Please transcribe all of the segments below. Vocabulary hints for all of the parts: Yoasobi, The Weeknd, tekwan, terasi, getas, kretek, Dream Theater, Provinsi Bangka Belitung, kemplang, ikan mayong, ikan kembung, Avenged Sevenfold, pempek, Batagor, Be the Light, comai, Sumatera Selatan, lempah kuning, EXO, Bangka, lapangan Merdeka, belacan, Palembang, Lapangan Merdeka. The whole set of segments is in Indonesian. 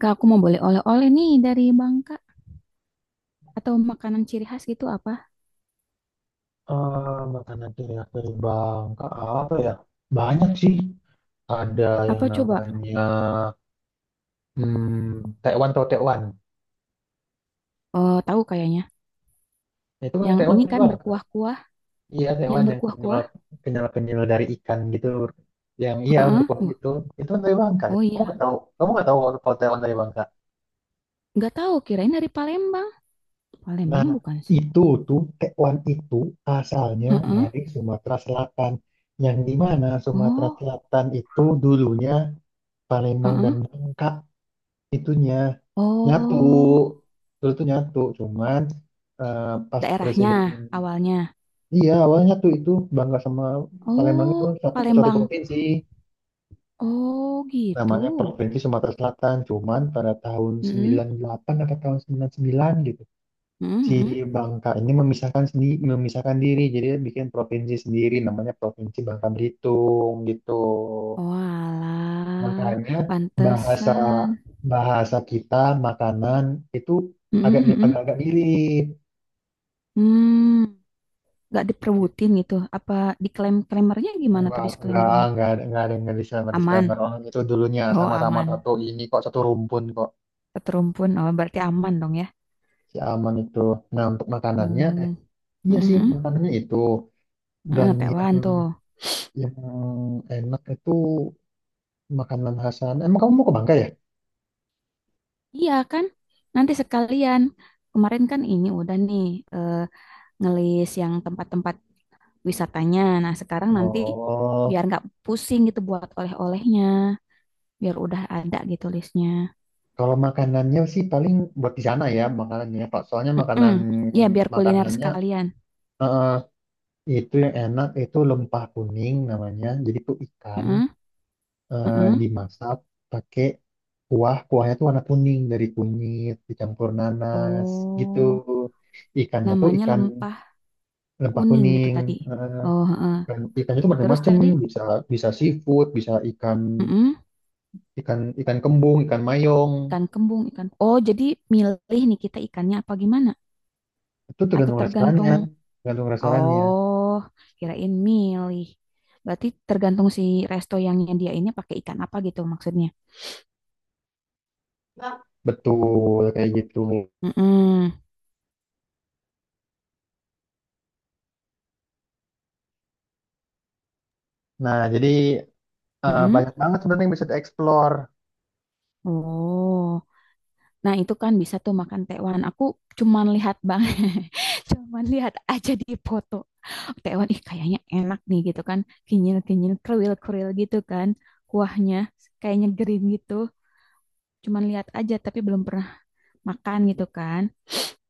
Kak, aku mau boleh oleh-oleh nih dari Bangka atau makanan ciri khas gitu apa? Makanan ciri khas dari Bangka apa ya? Banyak sih. Ada yang Apa coba? namanya tekwan atau tekwan. Oh, tahu kayaknya. Nah, itu kan Yang tekwan ini dari kan Bangka. berkuah-kuah, Iya, yang tekwan yang kenyal berkuah-kuah. kenyal kenyal dari ikan gitu. Yang iya Heeh. berkuah Wah, gitu. Itu kan dari Bangka. oh Kamu nggak iya, tahu? Kamu nggak tahu kalau kalau tekwan dari Bangka? nggak tahu, kirain dari Palembang. Nah, Palembang bukan sih? itu tuh tekwan itu asalnya Heeh. dari Sumatera Selatan. Yang di mana Sumatera Oh, Selatan itu dulunya Palembang dan heeh. Bangka itunya. Nyatu Oh, terus tuh nyatu cuman eh, pas daerahnya presiden awalnya. iya awalnya nyatu itu Bangka sama Palembang itu Oh, satu satu Palembang. provinsi Oh, gitu. namanya Provinsi Sumatera Selatan, cuman pada tahun Heeh. 98 atau tahun 99 gitu Heeh, si heeh. Bangka ini memisahkan sendiri, memisahkan diri, jadi dia bikin provinsi sendiri namanya Provinsi Bangka Belitung gitu. Walah, Makanya bahasa pantesan. bahasa kita, makanan itu Heeh, heeh. agak-agak mirip Hmm. Nggak diperebutin gitu. gitu, apa disclaimer klaimernya, gimana tuh Enggak, disclaimernya? enggak, enggak ada yang disclaimer Aman, disclaimer, orang itu dulunya oh sama-sama aman, satu ini kok, satu rumpun kok, keterumpun, oh berarti aman dong ya. si Aman itu. Nah, untuk makanannya, Hmm. iya sih Mm-mm. makanannya itu, dan yang Tewan tuh, yang enak itu makanan khas sana. Emang kamu mau ke Bangka ya? iya kan nanti sekalian, kemarin kan ini udah nih, eh, ngelis yang tempat-tempat wisatanya, nah sekarang nanti Oh, biar nggak pusing gitu buat oleh-olehnya, biar udah ada gitu listnya. kalau makanannya sih paling buat di sana ya makanannya, Pak. Soalnya Mm-mm. makanan Ya biar kuliner makanannya sekalian. eh, itu yang enak itu lempah kuning namanya. Jadi itu ikan, Mm-mm. Mm-mm. dimasak pakai kuah. Kuahnya tuh warna kuning dari kunyit dicampur nanas gitu. Oh, Ikannya tuh namanya ikan lempah lempah kuning gitu kuning. tadi. Eh, Oh, heeh. ikannya tuh Terus macam-macam. tadi, Bisa bisa seafood, bisa ikan mm-mm, ikan ikan kembung, ikan mayong. ikan kembung, ikan. Oh, jadi milih nih kita ikannya apa gimana? Itu Atau tergantung restorannya, tergantung? tergantung restorannya. Oh, kirain milih. Berarti tergantung si resto yang nyediainnya pakai ikan apa gitu maksudnya. Betul kayak gitu. Mm-mm, Nah, jadi mm-mm. banyak banget sebenarnya yang bisa dieksplor. Oh, nah itu kan bisa tuh makan tekwan. Aku cuman lihat bang, cuman lihat aja di foto. Tewan, ih kayaknya enak nih gitu kan, kinyil-kinyil kruil-kruil gitu kan, kuahnya kayaknya green gitu, cuman lihat aja tapi belum pernah makan gitu kan.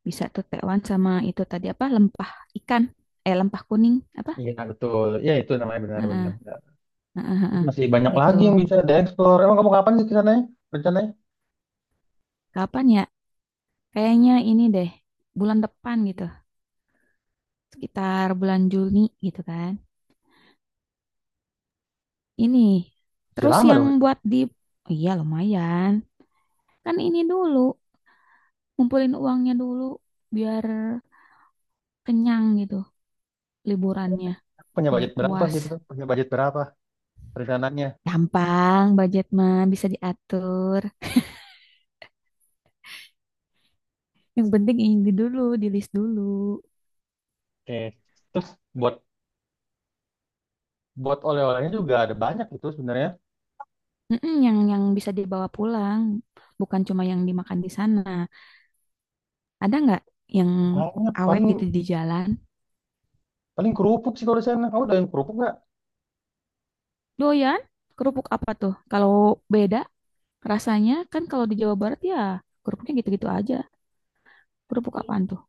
Bisa tuh Tekwan sama itu tadi apa, lempah ikan, lempah kuning apa. Iya, betul. Ya, itu namanya Heeh, benar-benar. heeh, Terus heeh, masih banyak gitu. lagi yang bisa dieksplor. Emang kamu kapan sih ke rencananya? Kapan ya, kayaknya ini deh bulan depan gitu, sekitar bulan Juni gitu kan, ini Masih terus lama yang dong. buat di, oh iya lumayan, kan ini dulu ngumpulin uangnya dulu biar kenyang gitu liburannya, Punya biar budget berapa puas. sih itu? Punya budget berapa rencananya? Gampang, budget mah bisa diatur. Yang penting ini dulu, di list dulu. Oke. Terus buat buat oleh-olehnya juga ada banyak itu sebenarnya. Mm-mm, yang bisa dibawa pulang, bukan cuma yang dimakan di sana. Ada nggak yang Banyak, awet paling gitu di jalan? paling kerupuk sih kalau di sana. Kamu udah yang kerupuk nggak? Doyan? Kerupuk apa tuh? Kalau beda rasanya kan, kalau di Jawa Barat ya kerupuknya gitu-gitu aja. Kerupuk apaan tuh?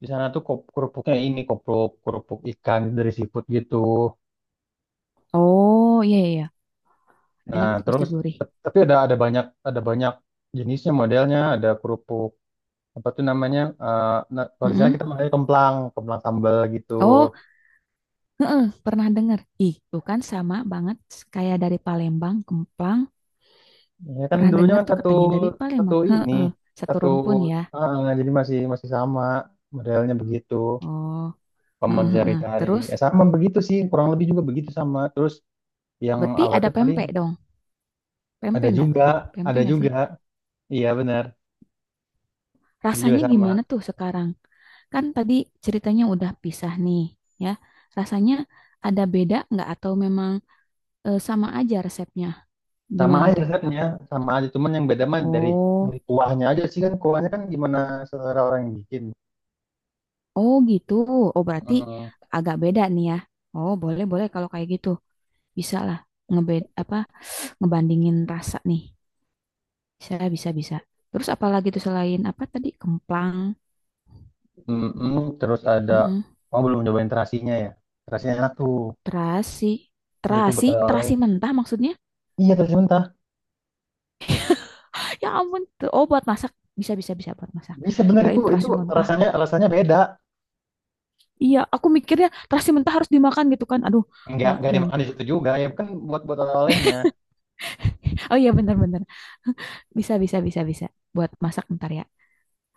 Di sana tuh kerupuknya ini kerupuk kerupuk ikan dari seafood gitu. Oh iya iya, iya. Nah, Enak tuh pasti terus gurih. Tapi ada ada banyak jenisnya, modelnya ada kerupuk apa tuh namanya nah, kalau di sana Mm-mm. kita makannya kemplang, kemplang sambal gitu. Oh, heeh, pernah dengar. Ih, tuh kan sama banget kayak dari Palembang, kemplang. Ya kan Pernah dulunya dengar kan tuh satu katanya dari satu Palembang. ini Heeh, satu satu rumpun ya. Jadi masih masih sama modelnya begitu, Oh, pemen heeh, heeh. cari-cari Terus sama begitu sih, kurang lebih juga begitu sama, terus yang berarti ada awetnya paling pempek dong. ada Pempek nggak? juga, Pempek ada nggak sih? juga, iya benar, itu juga Rasanya sama gimana tuh sekarang? Kan tadi ceritanya udah pisah nih, ya. Rasanya ada beda nggak atau memang sama aja resepnya? Sama Gimana aja tuh? setnya, sama aja, cuman yang beda mah dari Oh, kuahnya aja sih, kan kuahnya kan gimana selera orang yang bikin. oh gitu. Oh berarti Mm, agak beda nih ya. Oh, boleh boleh kalau kayak gitu. Bisa lah ngebed apa, ngebandingin rasa nih, saya bisa bisa. Terus apalagi tuh selain apa tadi, kemplang, mm. Terus ada mm, oh belum nyobain terasinya ya, terasinya enak tuh, terasi. itu Terasi betul oleh terasi mentah maksudnya? iya terasi mentah. Ya ampun tuh, oh buat masak, bisa bisa bisa buat masak, Bisa, bener itu, kirain terasi mentah. rasanya rasanya beda. Iya, aku mikirnya terasi mentah harus dimakan gitu kan, aduh. Mau Nggak yang, dimakan di situ juga ya, kan buat buat oleh-olehnya. oh iya benar-benar, bisa bisa bisa bisa buat masak ntar ya,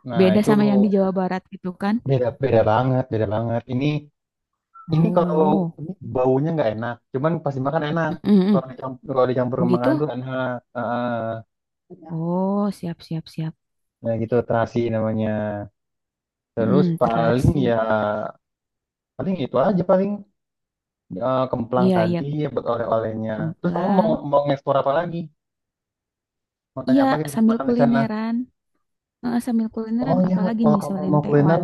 Nah beda itu sama yang di Jawa Barat gitu kan. beda beda banget, beda banget. Ini kalau Oh, ini baunya nggak enak, cuman pas dimakan enak. mm-mm, mm. Kalau dicampur Oh ke makanan gitu? tuh enak. Heeh. Oh, siap, siap, siap. Nah gitu terasi namanya. Terus Mm, paling ya terasi. Itu aja, paling kemplang Iya, iya, tadi ya buat oleh-olehnya. Terus kamu kemplang. mau mau ngeksplor apa lagi? Mau tanya Iya, apa gitu sambil makan di sana? kulineran. Heeh, sambil Oh kulineran, ya, apalagi kalau nih kamu selain mau kuliner tewan.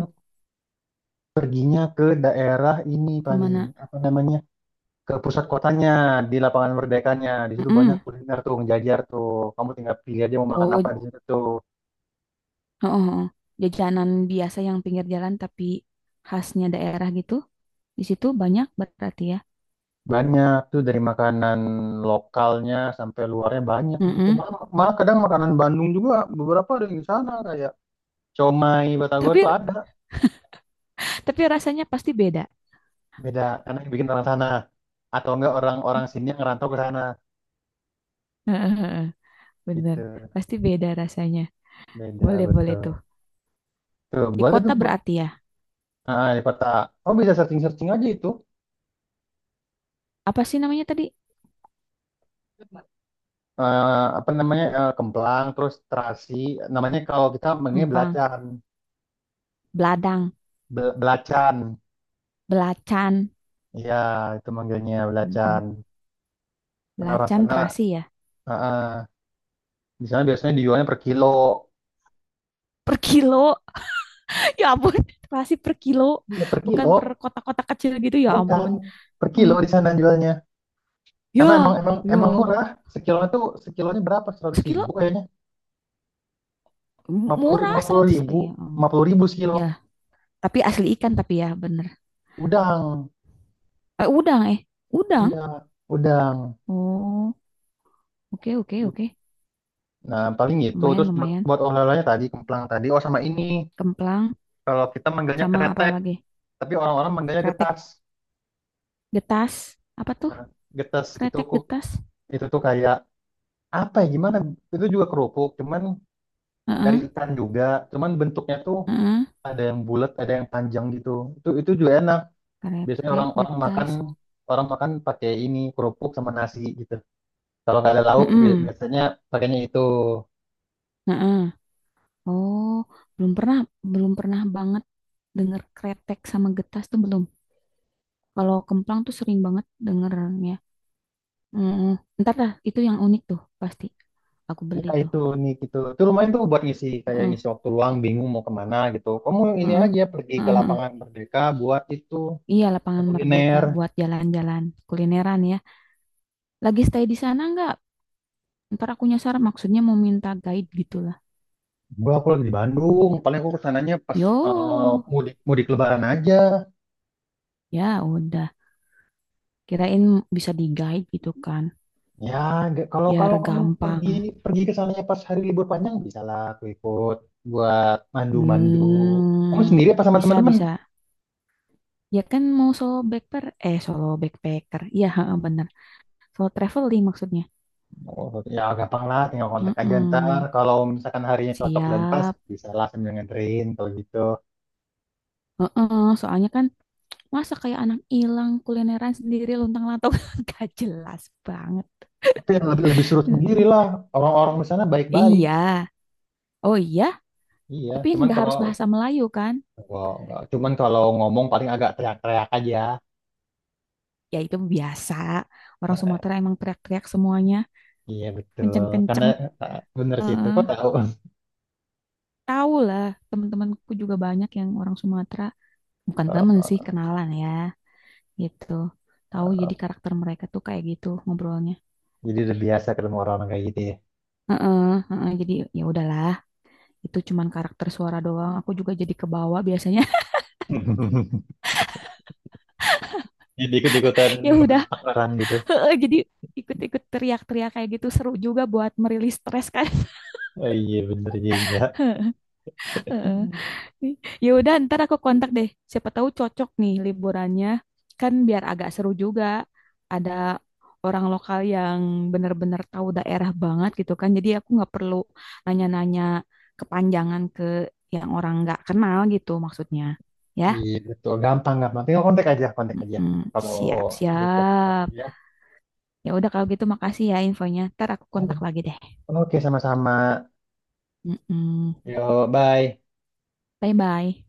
perginya ke daerah ini paling Kemana? apa namanya ke pusat kotanya, di Lapangan Merdekanya, di situ banyak Mm-mm. kuliner tuh ngejajar tuh, kamu tinggal pilih aja mau makan apa Oh, di situ tuh, heeh, heeh. Jajanan biasa yang pinggir jalan tapi khasnya daerah gitu. Di situ banyak berarti ya. banyak tuh dari makanan lokalnya sampai luarnya, banyak di situ Mm-mm. malah, kadang makanan Bandung juga beberapa ada di sana, kayak comai, Batagor Tapi tuh ada, tapi rasanya pasti beda. beda karena yang bikin orang sana atau enggak orang-orang sini yang ngerantau ke sana Heeh, heeh. Bener, gitu, pasti beda rasanya. beda Boleh, boleh betul tuh. tuh, Di boleh tuh, kota berarti ya. Di kota, oh bisa searching searching aja itu Apa sih namanya tadi? eh, apa namanya, kemplang, terus terasi namanya, kalau kita manggilnya Empang, belacan. beladang, Belacan, belacan. ya, itu manggilnya Mm-mm. belacan karena orang Belacan sana terasi ya. eh, eh, di sana biasanya dijualnya per kilo, Per kilo. Ya ampun, pasti per kilo, iya per bukan kilo, per kotak-kotak kecil gitu. Ya bukan ampun. per Hmm. kilo di sana jualnya karena emang Ya, emang ya, emang ampun. murah. Sekilonya berapa, seratus Sekilo ribu kayaknya, murah lima puluh 100. Oh, ribu ya, ampun. 50.000 sekilo, Ya, tapi asli ikan tapi ya bener. udang, Eh, udang, udang. iya udang. Oh, oke oke oke. Nah, paling gitu. Lumayan Terus buat, lumayan. Olahannya tadi, kemplang tadi. Oh, sama ini. Kemplang Kalau kita manggilnya sama apa kretek, lagi? tapi orang-orang manggilnya Kretek, getas. getas. Apa tuh? Nah, getas itu Kretek, getas. itu tuh kayak apa ya gimana? Itu juga kerupuk, cuman dari Heeh, ikan juga. Cuman bentuknya tuh heeh. ada yang bulat, ada yang panjang gitu. Itu juga enak. Biasanya Kretek, orang-orang makan, getas. orang makan pakai ini kerupuk sama nasi gitu. Kalau nggak ada lauk Mm-mm, biasanya pakainya itu. heeh. Oh, belum pernah, belum pernah banget denger kretek sama getas tuh belum. Kalau kemplang tuh sering banget dengernya. Mm-mm. Ntar dah, itu yang unik tuh pasti. Aku beli Ya tuh. itu nih gitu. Itu lumayan tuh buat ngisi kayak Mm-mm, ngisi waktu luang bingung mau kemana gitu. Kamu ini mm-mm. aja pergi ke Lapangan Merdeka buat itu Iya, Lapangan kuliner. Merdeka buat jalan-jalan, kulineran ya. Lagi stay di sana nggak? Ntar aku nyasar, maksudnya mau minta guide gitu lah. Aku lagi di Bandung, paling aku kesananya pas Yo, mudik, Lebaran aja. ya udah. Kirain bisa di guide gitu kan, Ya, kalau biar kalau kamu pergi, gampang. Ke sananya pas hari libur panjang bisa lah aku ikut buat mandu-mandu. Kamu Hmm, sendiri apa sama bisa teman-teman? bisa. Ya kan mau solo backpacker, eh solo backpacker. Iya, heeh, bener. Solo traveling maksudnya. Oh, ya gampang lah, tinggal kontak aja Heeh. ntar. Kalau misalkan harinya cocok dan pas, Siap. bisa lah sambil nganterin kalau gitu. Heeh, soalnya kan masa kayak anak hilang kulineran sendiri lontang-lantung gak jelas banget. Tapi yang lebih lebih surut Heeh. sendiri lah, orang-orang di sana baik-baik. Iya. Oh iya, Iya, tapi cuman nggak kalau, harus bahasa Melayu kan? wah, nggak, cuman kalau ngomong paling agak teriak-teriak aja. Ya itu biasa. Orang Sumatera emang teriak-teriak semuanya, Iya betul, karena kenceng-kenceng. Bener sih itu, Heeh. kok tahu? Tahu lah, teman-temanku juga banyak yang orang Sumatera. Bukan temen sih, Eh, kenalan ya. Gitu, tahu jadi eh, karakter mereka tuh kayak gitu ngobrolnya. jadi udah biasa ketemu orang kayak gitu ya. Heeh, heeh, jadi ya udahlah, itu cuman karakter suara doang, aku juga jadi kebawa biasanya. Jadi ikut-ikutan Ya udah, ngebentak orang gitu. heeh, jadi ikut-ikut teriak-teriak kayak gitu seru juga buat merilis stres kan. Oh, iya bener juga. Heeh. Ih, ya udah, ntar aku kontak deh. Siapa tahu cocok nih liburannya. Kan biar agak seru juga. Ada orang lokal yang benar-benar tahu daerah banget gitu kan. Jadi aku nggak perlu nanya-nanya kepanjangan ke yang orang nggak kenal gitu maksudnya. Ya, Iya betul, gampang gampang. Tinggal kontak aja, kontak aja. mm-mm. Kalau butuh. Oke Siap-siap. ya. Ya udah kalau gitu makasih ya infonya. Ntar aku kontak lagi deh. Oke sama-sama. Mm-mm. Yo, bye. Bye-bye.